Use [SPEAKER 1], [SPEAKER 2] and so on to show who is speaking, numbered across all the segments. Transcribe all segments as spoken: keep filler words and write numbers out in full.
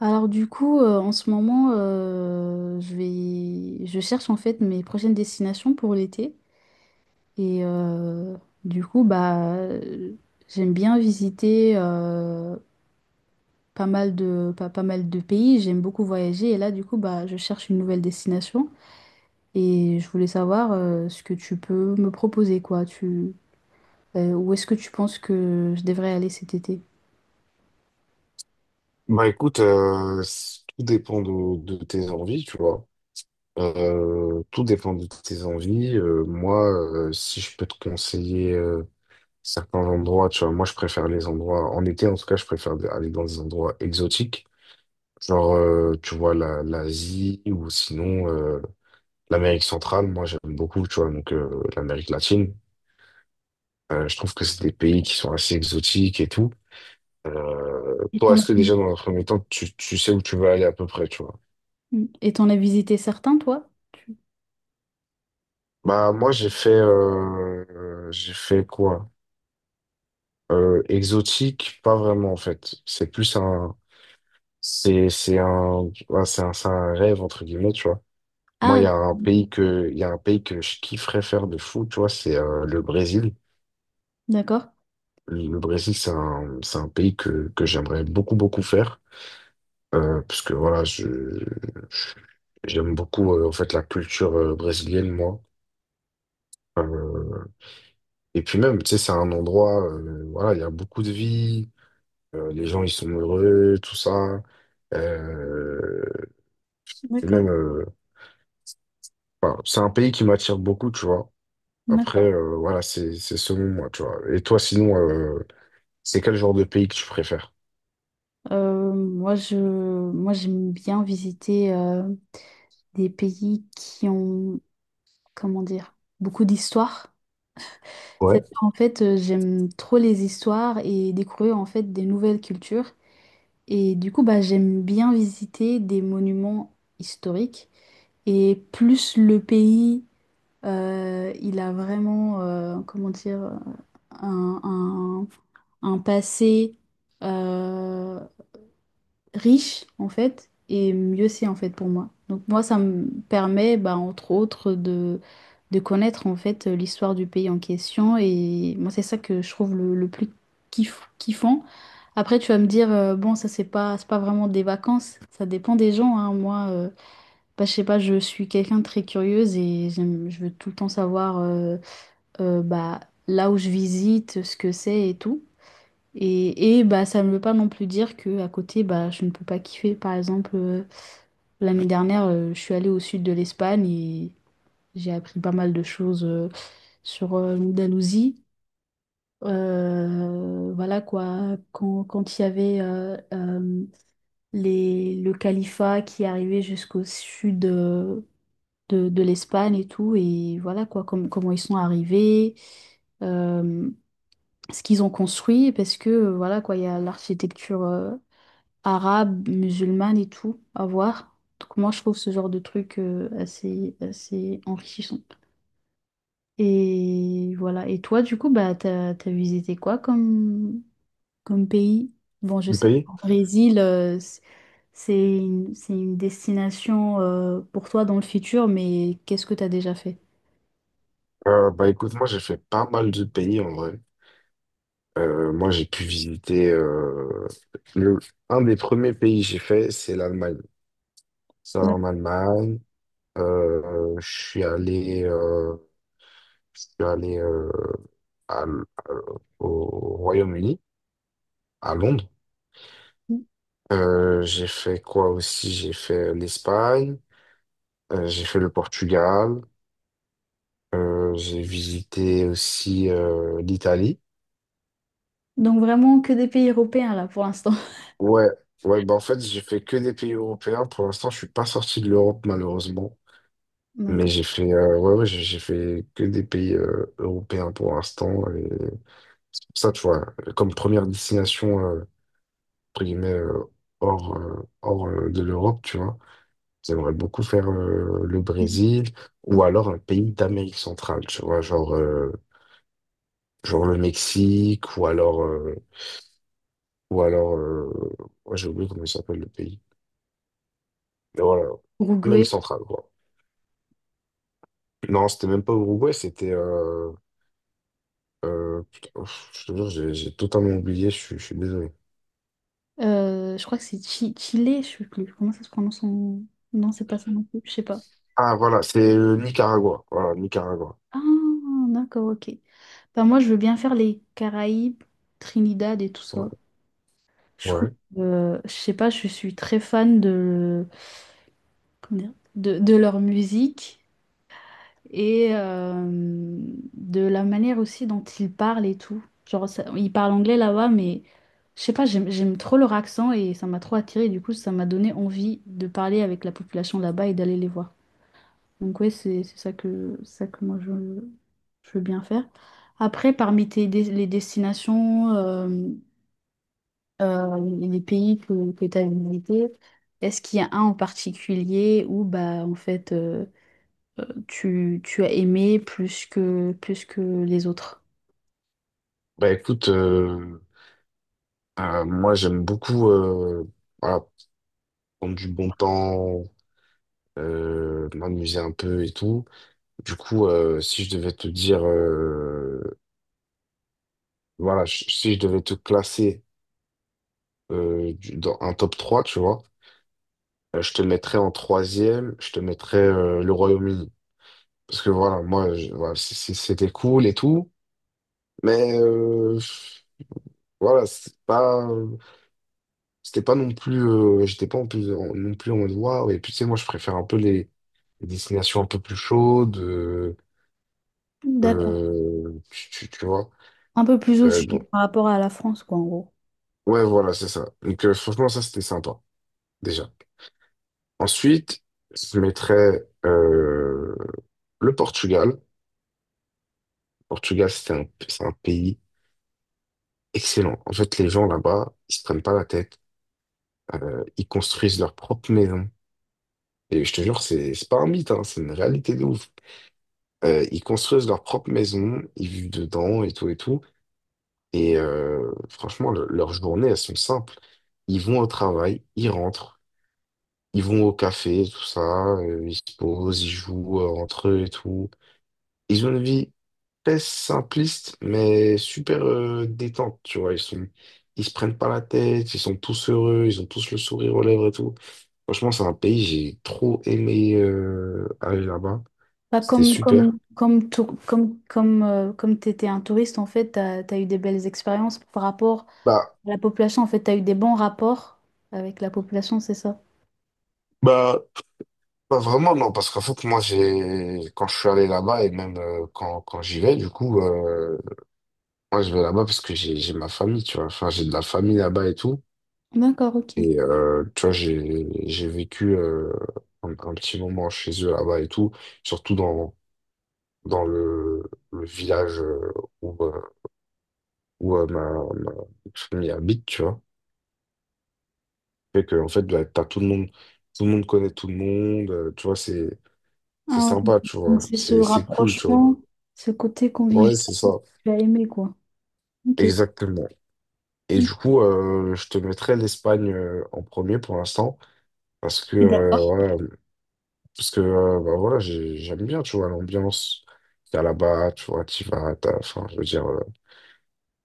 [SPEAKER 1] Alors du coup, euh, en ce moment, euh, je vais, je cherche en fait mes prochaines destinations pour l'été. Et euh, du coup, bah, euh, j'aime bien visiter euh, pas mal de, pas, pas mal de pays. J'aime beaucoup voyager. Et là, du coup, bah, je cherche une nouvelle destination. Et je voulais savoir euh, ce que tu peux me proposer, quoi. Tu, euh, où est-ce que tu penses que je devrais aller cet été?
[SPEAKER 2] Bah écoute, euh, c- tout dépend de, de tes envies, tu vois. Euh, tout dépend de tes envies. Euh, moi, euh, si je peux te conseiller euh, certains endroits, tu vois, moi je préfère les endroits, en été en tout cas, je préfère aller dans des endroits exotiques, genre, euh, tu vois, la, l'Asie ou sinon euh, l'Amérique centrale, moi j'aime beaucoup, tu vois, donc euh, l'Amérique latine. Euh, je trouve que c'est des pays qui sont assez exotiques et tout. Euh,
[SPEAKER 1] Et
[SPEAKER 2] toi,
[SPEAKER 1] t'en as,
[SPEAKER 2] est-ce que déjà dans un premier temps, tu, tu sais où tu veux aller à peu près, tu vois?
[SPEAKER 1] et t'en as visité certains, toi? Tu-
[SPEAKER 2] Bah moi j'ai fait euh, euh, j'ai fait quoi? Euh, exotique, pas vraiment en fait. C'est plus un c'est c'est un ouais, c'est un, c'est un rêve entre guillemets, tu vois. Moi il
[SPEAKER 1] Ah,
[SPEAKER 2] y a un pays que il y a un pays que je kifferais faire de fou, tu vois, c'est euh, le Brésil.
[SPEAKER 1] d'accord.
[SPEAKER 2] Le Brésil c'est un c'est un pays que que j'aimerais beaucoup beaucoup faire euh, parce que voilà, je j'aime beaucoup euh, en fait la culture euh, brésilienne moi. Euh, et puis même, tu sais, c'est un endroit, euh, voilà, il y a beaucoup de vie. Euh, les gens, ils sont heureux, tout ça. Euh, et
[SPEAKER 1] D'accord.
[SPEAKER 2] même, euh, enfin, c'est un pays qui m'attire beaucoup, tu vois. Après,
[SPEAKER 1] D'accord.
[SPEAKER 2] euh, voilà, c'est c'est selon moi, tu vois. Et toi, sinon, euh, c'est quel genre de pays que tu préfères?
[SPEAKER 1] Euh, moi, je, moi, j'aime bien visiter euh, des pays qui ont, comment dire, beaucoup d'histoire.
[SPEAKER 2] Ouais,
[SPEAKER 1] C'est-à-dire, en fait, euh, j'aime trop les histoires et découvrir en fait des nouvelles cultures. Et du coup, bah, j'aime bien visiter des monuments historiques. Et plus le pays, euh, il a vraiment, euh, comment dire, un, un- un passé euh, riche en fait, et mieux c'est en fait pour moi. Donc moi ça me permet bah, entre autres de, de connaître en fait l'histoire du pays en question, et moi c'est ça que je trouve le, le plus kiff- kiffant. Après tu vas me dire euh, bon, ça c'est pas c'est pas vraiment des vacances, ça dépend des gens hein. Moi euh, bah, je sais pas, je suis quelqu'un de très curieuse, et j'aime- je veux tout le temps savoir euh, euh, bah là où je visite, ce que c'est et tout. Et, et bah, ça ne veut pas non plus dire que à côté, bah, je ne peux pas kiffer. Par exemple, euh, l'année dernière, euh, je suis allée au sud de l'Espagne et j'ai appris pas mal de choses euh, sur euh, l'Andalousie. Euh, voilà quoi, quand, quand il y avait euh, euh, les, le califat qui arrivait jusqu'au sud euh, de, de l'Espagne et tout, et voilà quoi, com- comment ils sont arrivés. euh, Ce qu'ils ont construit, parce que euh, voilà quoi, il y a l'architecture euh, arabe, musulmane et tout à voir. Donc moi, je trouve ce genre de truc euh, assez, assez enrichissant. Et voilà. Et toi, du coup, bah, t'as, t'as visité quoi comme, comme pays? Bon, je
[SPEAKER 2] le
[SPEAKER 1] sais
[SPEAKER 2] pays?
[SPEAKER 1] qu'en Brésil, euh, c- c'est une, c'est une destination euh, pour toi dans le futur, mais qu'est-ce que t'as déjà fait?
[SPEAKER 2] Euh, bah écoute, moi j'ai fait pas mal de pays en vrai. Euh, moi j'ai pu visiter euh, le, un des premiers pays que j'ai fait, c'est l'Allemagne. Ça
[SPEAKER 1] D'accord.
[SPEAKER 2] en Allemagne, euh, je suis allé. euh, je suis allé euh, à l- à- au Royaume-Uni, à Londres. Euh, j'ai fait quoi aussi? J'ai fait l'Espagne, euh, j'ai fait le Portugal, euh, j'ai visité aussi euh, l'Italie.
[SPEAKER 1] Donc vraiment que des pays européens là pour l'instant.
[SPEAKER 2] Ouais, ouais, bah en fait, j'ai fait que des pays européens. Pour l'instant, je suis pas sorti de l'Europe, malheureusement. Mais
[SPEAKER 1] D'accord.
[SPEAKER 2] j'ai fait, euh, ouais, ouais, j'ai j'ai fait que des pays euh, européens pour l'instant. Et c'est pour ça, tu vois, comme première destination, euh, entre guillemets, euh, hors, euh, hors euh, de l'Europe, tu vois. J'aimerais beaucoup faire euh, le Brésil ou alors un pays d'Amérique centrale, tu vois, genre, euh, genre le Mexique ou alors, euh, ou alors euh, ouais, j'ai oublié comment il s'appelle le pays. Mais voilà,
[SPEAKER 1] Uruguay.
[SPEAKER 2] Amérique centrale, quoi. Non, c'était même pas Uruguay, c'était... euh, euh, putain, ouf, je te jure, j'ai j'ai totalement oublié, je suis je suis désolé.
[SPEAKER 1] Euh, je crois que c'est Chi- Chile, je sais plus. Comment ça se prononce son. Non, c'est pas ça non plus, je sais pas.
[SPEAKER 2] Ah voilà, c'est euh, Nicaragua. Voilà, Nicaragua.
[SPEAKER 1] Ah, d'accord, ok. Ben, moi, je veux bien faire les Caraïbes, Trinidad et tout ça.
[SPEAKER 2] Ouais.
[SPEAKER 1] Je trouve,
[SPEAKER 2] Ouais.
[SPEAKER 1] euh, je sais pas, je suis très fan de, comment dire, de, de leur musique et euh, de la manière aussi dont ils parlent et tout. Genre, ça- ils parlent anglais là-bas, mais je sais pas, j'aime, j'aime trop leur accent et ça m'a trop attiré. Du coup, ça m'a donné envie de parler avec la population là-bas et d'aller les voir. Donc ouais, c'est c'est ça que ça que moi je, je veux bien faire. Après, parmi tes, dé- les destinations, euh, euh, les pays que, que tu as visités, est-ce qu'il y a un en particulier où bah en fait euh, euh, tu, tu as aimé plus que plus que les autres?
[SPEAKER 2] Bah écoute, euh, Euh, moi, j'aime beaucoup euh, voilà, prendre du bon temps, euh, m'amuser un peu et tout. Du coup, euh, si je devais te dire, euh, voilà, je- si je devais te classer euh, du- dans un top trois, tu vois, euh, je te mettrais en troisième, je te mettrais euh, le Royaume-Uni. Parce que voilà, moi, je- voilà, c- c- c'était cool et tout, mais euh, voilà, c'est pas. C'était pas non plus, euh, j'étais pas en plus, en- non plus en mode waouh. Et puis, tu sais, moi, je préfère un peu les, les destinations un peu plus chaudes, euh,
[SPEAKER 1] D'accord.
[SPEAKER 2] euh, tu, tu- tu vois.
[SPEAKER 1] Un peu plus au
[SPEAKER 2] Euh, donc,
[SPEAKER 1] sud par rapport à la France, quoi, en gros.
[SPEAKER 2] ouais, voilà, c'est ça. Donc, euh, franchement, ça, c'était sympa, déjà. Ensuite, je mettrais euh, le Portugal. Le Portugal, c'est un, c'est un pays excellent. En fait, les gens là-bas, ils se prennent pas la tête. Euh, ils construisent leur propre maison. Et je te jure, c'est c'est pas un mythe, hein, c'est une réalité de ouf. Euh, ils construisent leur propre maison, ils vivent dedans et tout et tout. Et euh, franchement, le- leurs journées, elles sont simples. Ils vont au travail, ils rentrent, ils vont au café, tout ça, euh, ils se posent, ils jouent euh, entre eux et tout. Ils ont une vie très simpliste, mais super euh, détente, tu vois. Ils sont, ils se prennent pas la tête, ils sont tous heureux, ils ont tous le sourire aux lèvres et tout. Franchement, c'est un pays, j'ai trop aimé euh, aller là-bas.
[SPEAKER 1] Pas
[SPEAKER 2] C'était
[SPEAKER 1] comme
[SPEAKER 2] super.
[SPEAKER 1] comme comme tou- comme comme euh, comme t'étais un touriste, en fait, t'as, t'as eu des belles expériences par rapport.
[SPEAKER 2] Bah,
[SPEAKER 1] La population, en fait, tu as eu des bons rapports avec la population, c'est ça?
[SPEAKER 2] bah, Pas vraiment, non, parce qu'en fait, moi, j'ai, quand je suis allé là-bas et même euh, quand, quand j'y vais, du coup, euh, moi, je vais là-bas parce que j'ai, j'ai ma famille, tu vois. Enfin, j'ai de la famille là-bas et tout.
[SPEAKER 1] D'accord, ok.
[SPEAKER 2] Et, euh, tu vois, j'ai, j'ai vécu euh, un, un petit moment chez eux là-bas et tout, surtout dans, dans le, le village euh, où, euh, où euh, ma, ma famille habite, tu vois. Fait que, en fait, bah, t'as tout le monde, tout le monde connaît tout le monde, euh, tu vois, c'est, c'est
[SPEAKER 1] Ah ouais.
[SPEAKER 2] sympa, tu
[SPEAKER 1] Donc
[SPEAKER 2] vois.
[SPEAKER 1] c'est ce
[SPEAKER 2] C'est, c'est cool, tu vois.
[SPEAKER 1] rapprochement, ce côté convivial
[SPEAKER 2] Ouais, c'est
[SPEAKER 1] que
[SPEAKER 2] ça.
[SPEAKER 1] tu as aimé, quoi. Ok.
[SPEAKER 2] Exactement. Et du coup, euh, je te mettrai l'Espagne euh, en premier pour l'instant, parce que euh, voilà, parce que euh, bah, voilà, j'ai- j'aime bien, tu vois, l'ambiance qu'il y a là-bas, tu vois, tu vas, t'as- enfin, je veux dire, euh,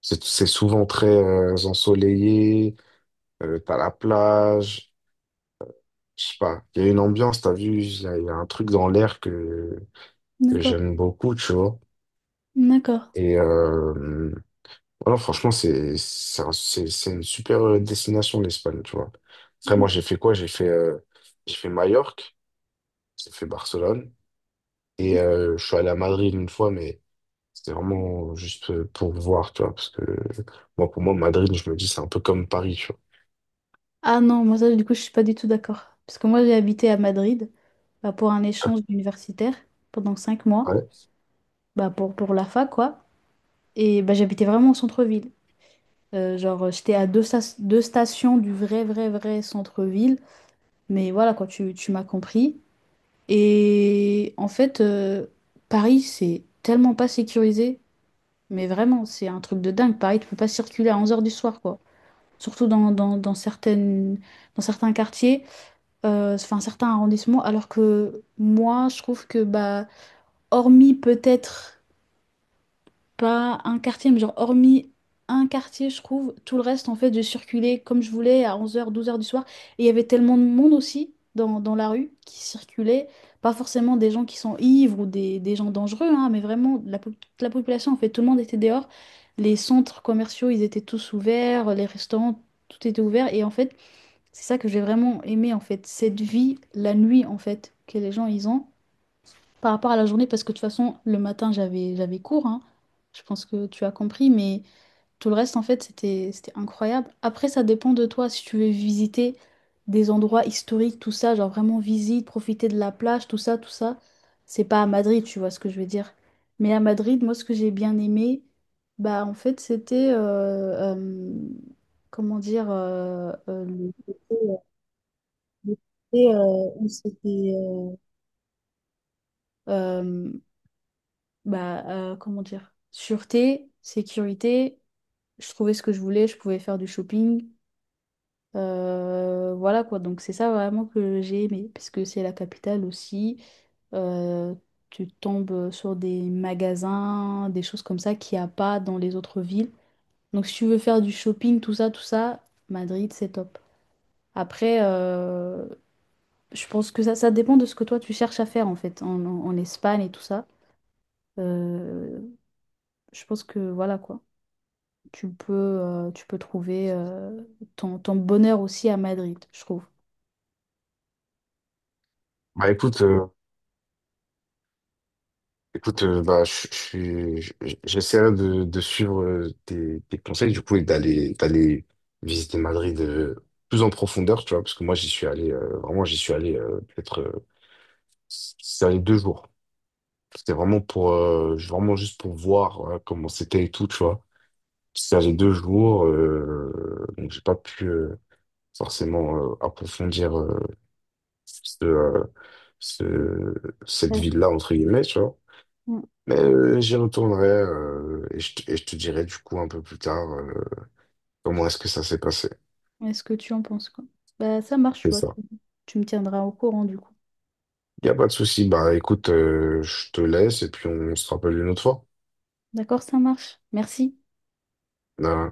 [SPEAKER 2] c'est c'est souvent très euh, ensoleillé, euh, t'as la plage, je sais pas, il y a une ambiance, t'as vu, il y, a il y a un truc dans l'air que, que
[SPEAKER 1] D'accord.
[SPEAKER 2] j'aime beaucoup, tu vois.
[SPEAKER 1] D'accord.
[SPEAKER 2] Et, euh, Voilà, franchement, c'est c'est un- c'est- c'est une super euh, destination, l'Espagne, tu vois. Après, moi, j'ai fait quoi? J'ai fait, euh, j'ai fait Majorque, j'ai fait Barcelone, et euh, je suis allé à Madrid une fois, mais c'était vraiment juste euh, pour voir, tu vois, parce que moi, pour moi, Madrid, je me dis, c'est un peu comme Paris, tu vois.
[SPEAKER 1] Ah non, moi ça, du coup, je suis pas du tout d'accord. Parce que moi, j'ai habité à Madrid, bah, pour un échange universitaire pendant cinq mois,
[SPEAKER 2] Ouais.
[SPEAKER 1] bah, pour, pour la fac, quoi. Et bah, j'habitais vraiment au centre-ville. Euh, genre, j'étais à deux, sta- deux stations du vrai, vrai, vrai centre-ville. Mais voilà, quoi, tu, tu m'as compris. Et en fait, euh, Paris, c'est tellement pas sécurisé, mais vraiment, c'est un truc de dingue. Paris, tu peux pas circuler à onze heures du soir, quoi. Surtout dans, dans, dans certaines, dans certains quartiers, euh, enfin certains arrondissements, alors que moi, je trouve que, bah, hormis peut-être pas un quartier, mais genre hormis un quartier, je trouve, tout le reste, en fait, je circulais comme je voulais à onze heures douze heures du soir. Et il y avait tellement de monde aussi dans, dans la rue qui circulait. Pas forcément des gens qui sont ivres ou des, des gens dangereux, hein, mais vraiment la, po- toute la population, en fait, tout le monde était dehors. Les centres commerciaux, ils étaient tous ouverts, les restaurants, tout était ouvert. Et en fait, c'est ça que j'ai vraiment aimé, en fait, cette vie, la nuit, en fait, que les gens, ils ont par rapport à la journée, parce que de toute façon, le matin, j'avais j'avais cours, hein. Je pense que tu as compris, mais tout le reste, en fait, c'était c'était incroyable. Après, ça dépend de toi, si tu veux visiter des endroits historiques, tout ça, genre vraiment visite, profiter de la plage, tout ça, tout ça. C'est pas à Madrid, tu vois ce que je veux dire. Mais à Madrid, moi, ce que j'ai bien aimé, bah, en fait, c'était, euh, euh, comment dire, euh, euh, le côté- le côté, euh, où c'était... euh, Bah, euh, comment dire, sûreté, sécurité, je trouvais ce que je voulais, je pouvais faire du shopping. Euh, voilà quoi, donc c'est ça vraiment que j'ai aimé, parce que c'est la capitale aussi. Euh, Tu tombes sur des magasins, des choses comme ça qu'il n'y a pas dans les autres villes. Donc si tu veux faire du shopping, tout ça, tout ça, Madrid, c'est top. Après, euh, je pense que ça, ça dépend de ce que toi tu cherches à faire en fait, en, en- en Espagne et tout ça. Euh, je pense que voilà quoi. tu peux, euh, tu peux trouver euh, ton, ton bonheur aussi à Madrid, je trouve.
[SPEAKER 2] Bah écoute, euh, Écoute, euh, bah, je, je suis- je- j'essaierai de, de suivre euh, tes, tes conseils, du coup, et d'aller, d'aller visiter Madrid euh, plus en profondeur, tu vois, parce que moi, j'y suis allé, euh, vraiment, j'y suis allé euh, peut-être, euh, j'y allé deux jours. C'était vraiment pour, euh, vraiment juste pour voir euh, comment c'était et tout, tu vois. J'y allé deux jours, euh, donc j'ai pas pu euh, forcément euh, approfondir euh, ce, euh, ce- cette ville-là, entre guillemets, tu vois.
[SPEAKER 1] Mm.
[SPEAKER 2] Mais euh, j'y retournerai euh, et, je, te et je te dirai du coup un peu plus tard euh, comment est-ce que ça s'est passé.
[SPEAKER 1] Est-ce que tu en penses quoi? Bah, ça marche, tu
[SPEAKER 2] C'est
[SPEAKER 1] vois.
[SPEAKER 2] ça.
[SPEAKER 1] Tu tu me tiendras au courant du coup.
[SPEAKER 2] Il n'y a pas de souci. Bah écoute, euh, je te laisse et puis on se rappelle une autre fois.
[SPEAKER 1] D'accord, ça marche. Merci.
[SPEAKER 2] Euh,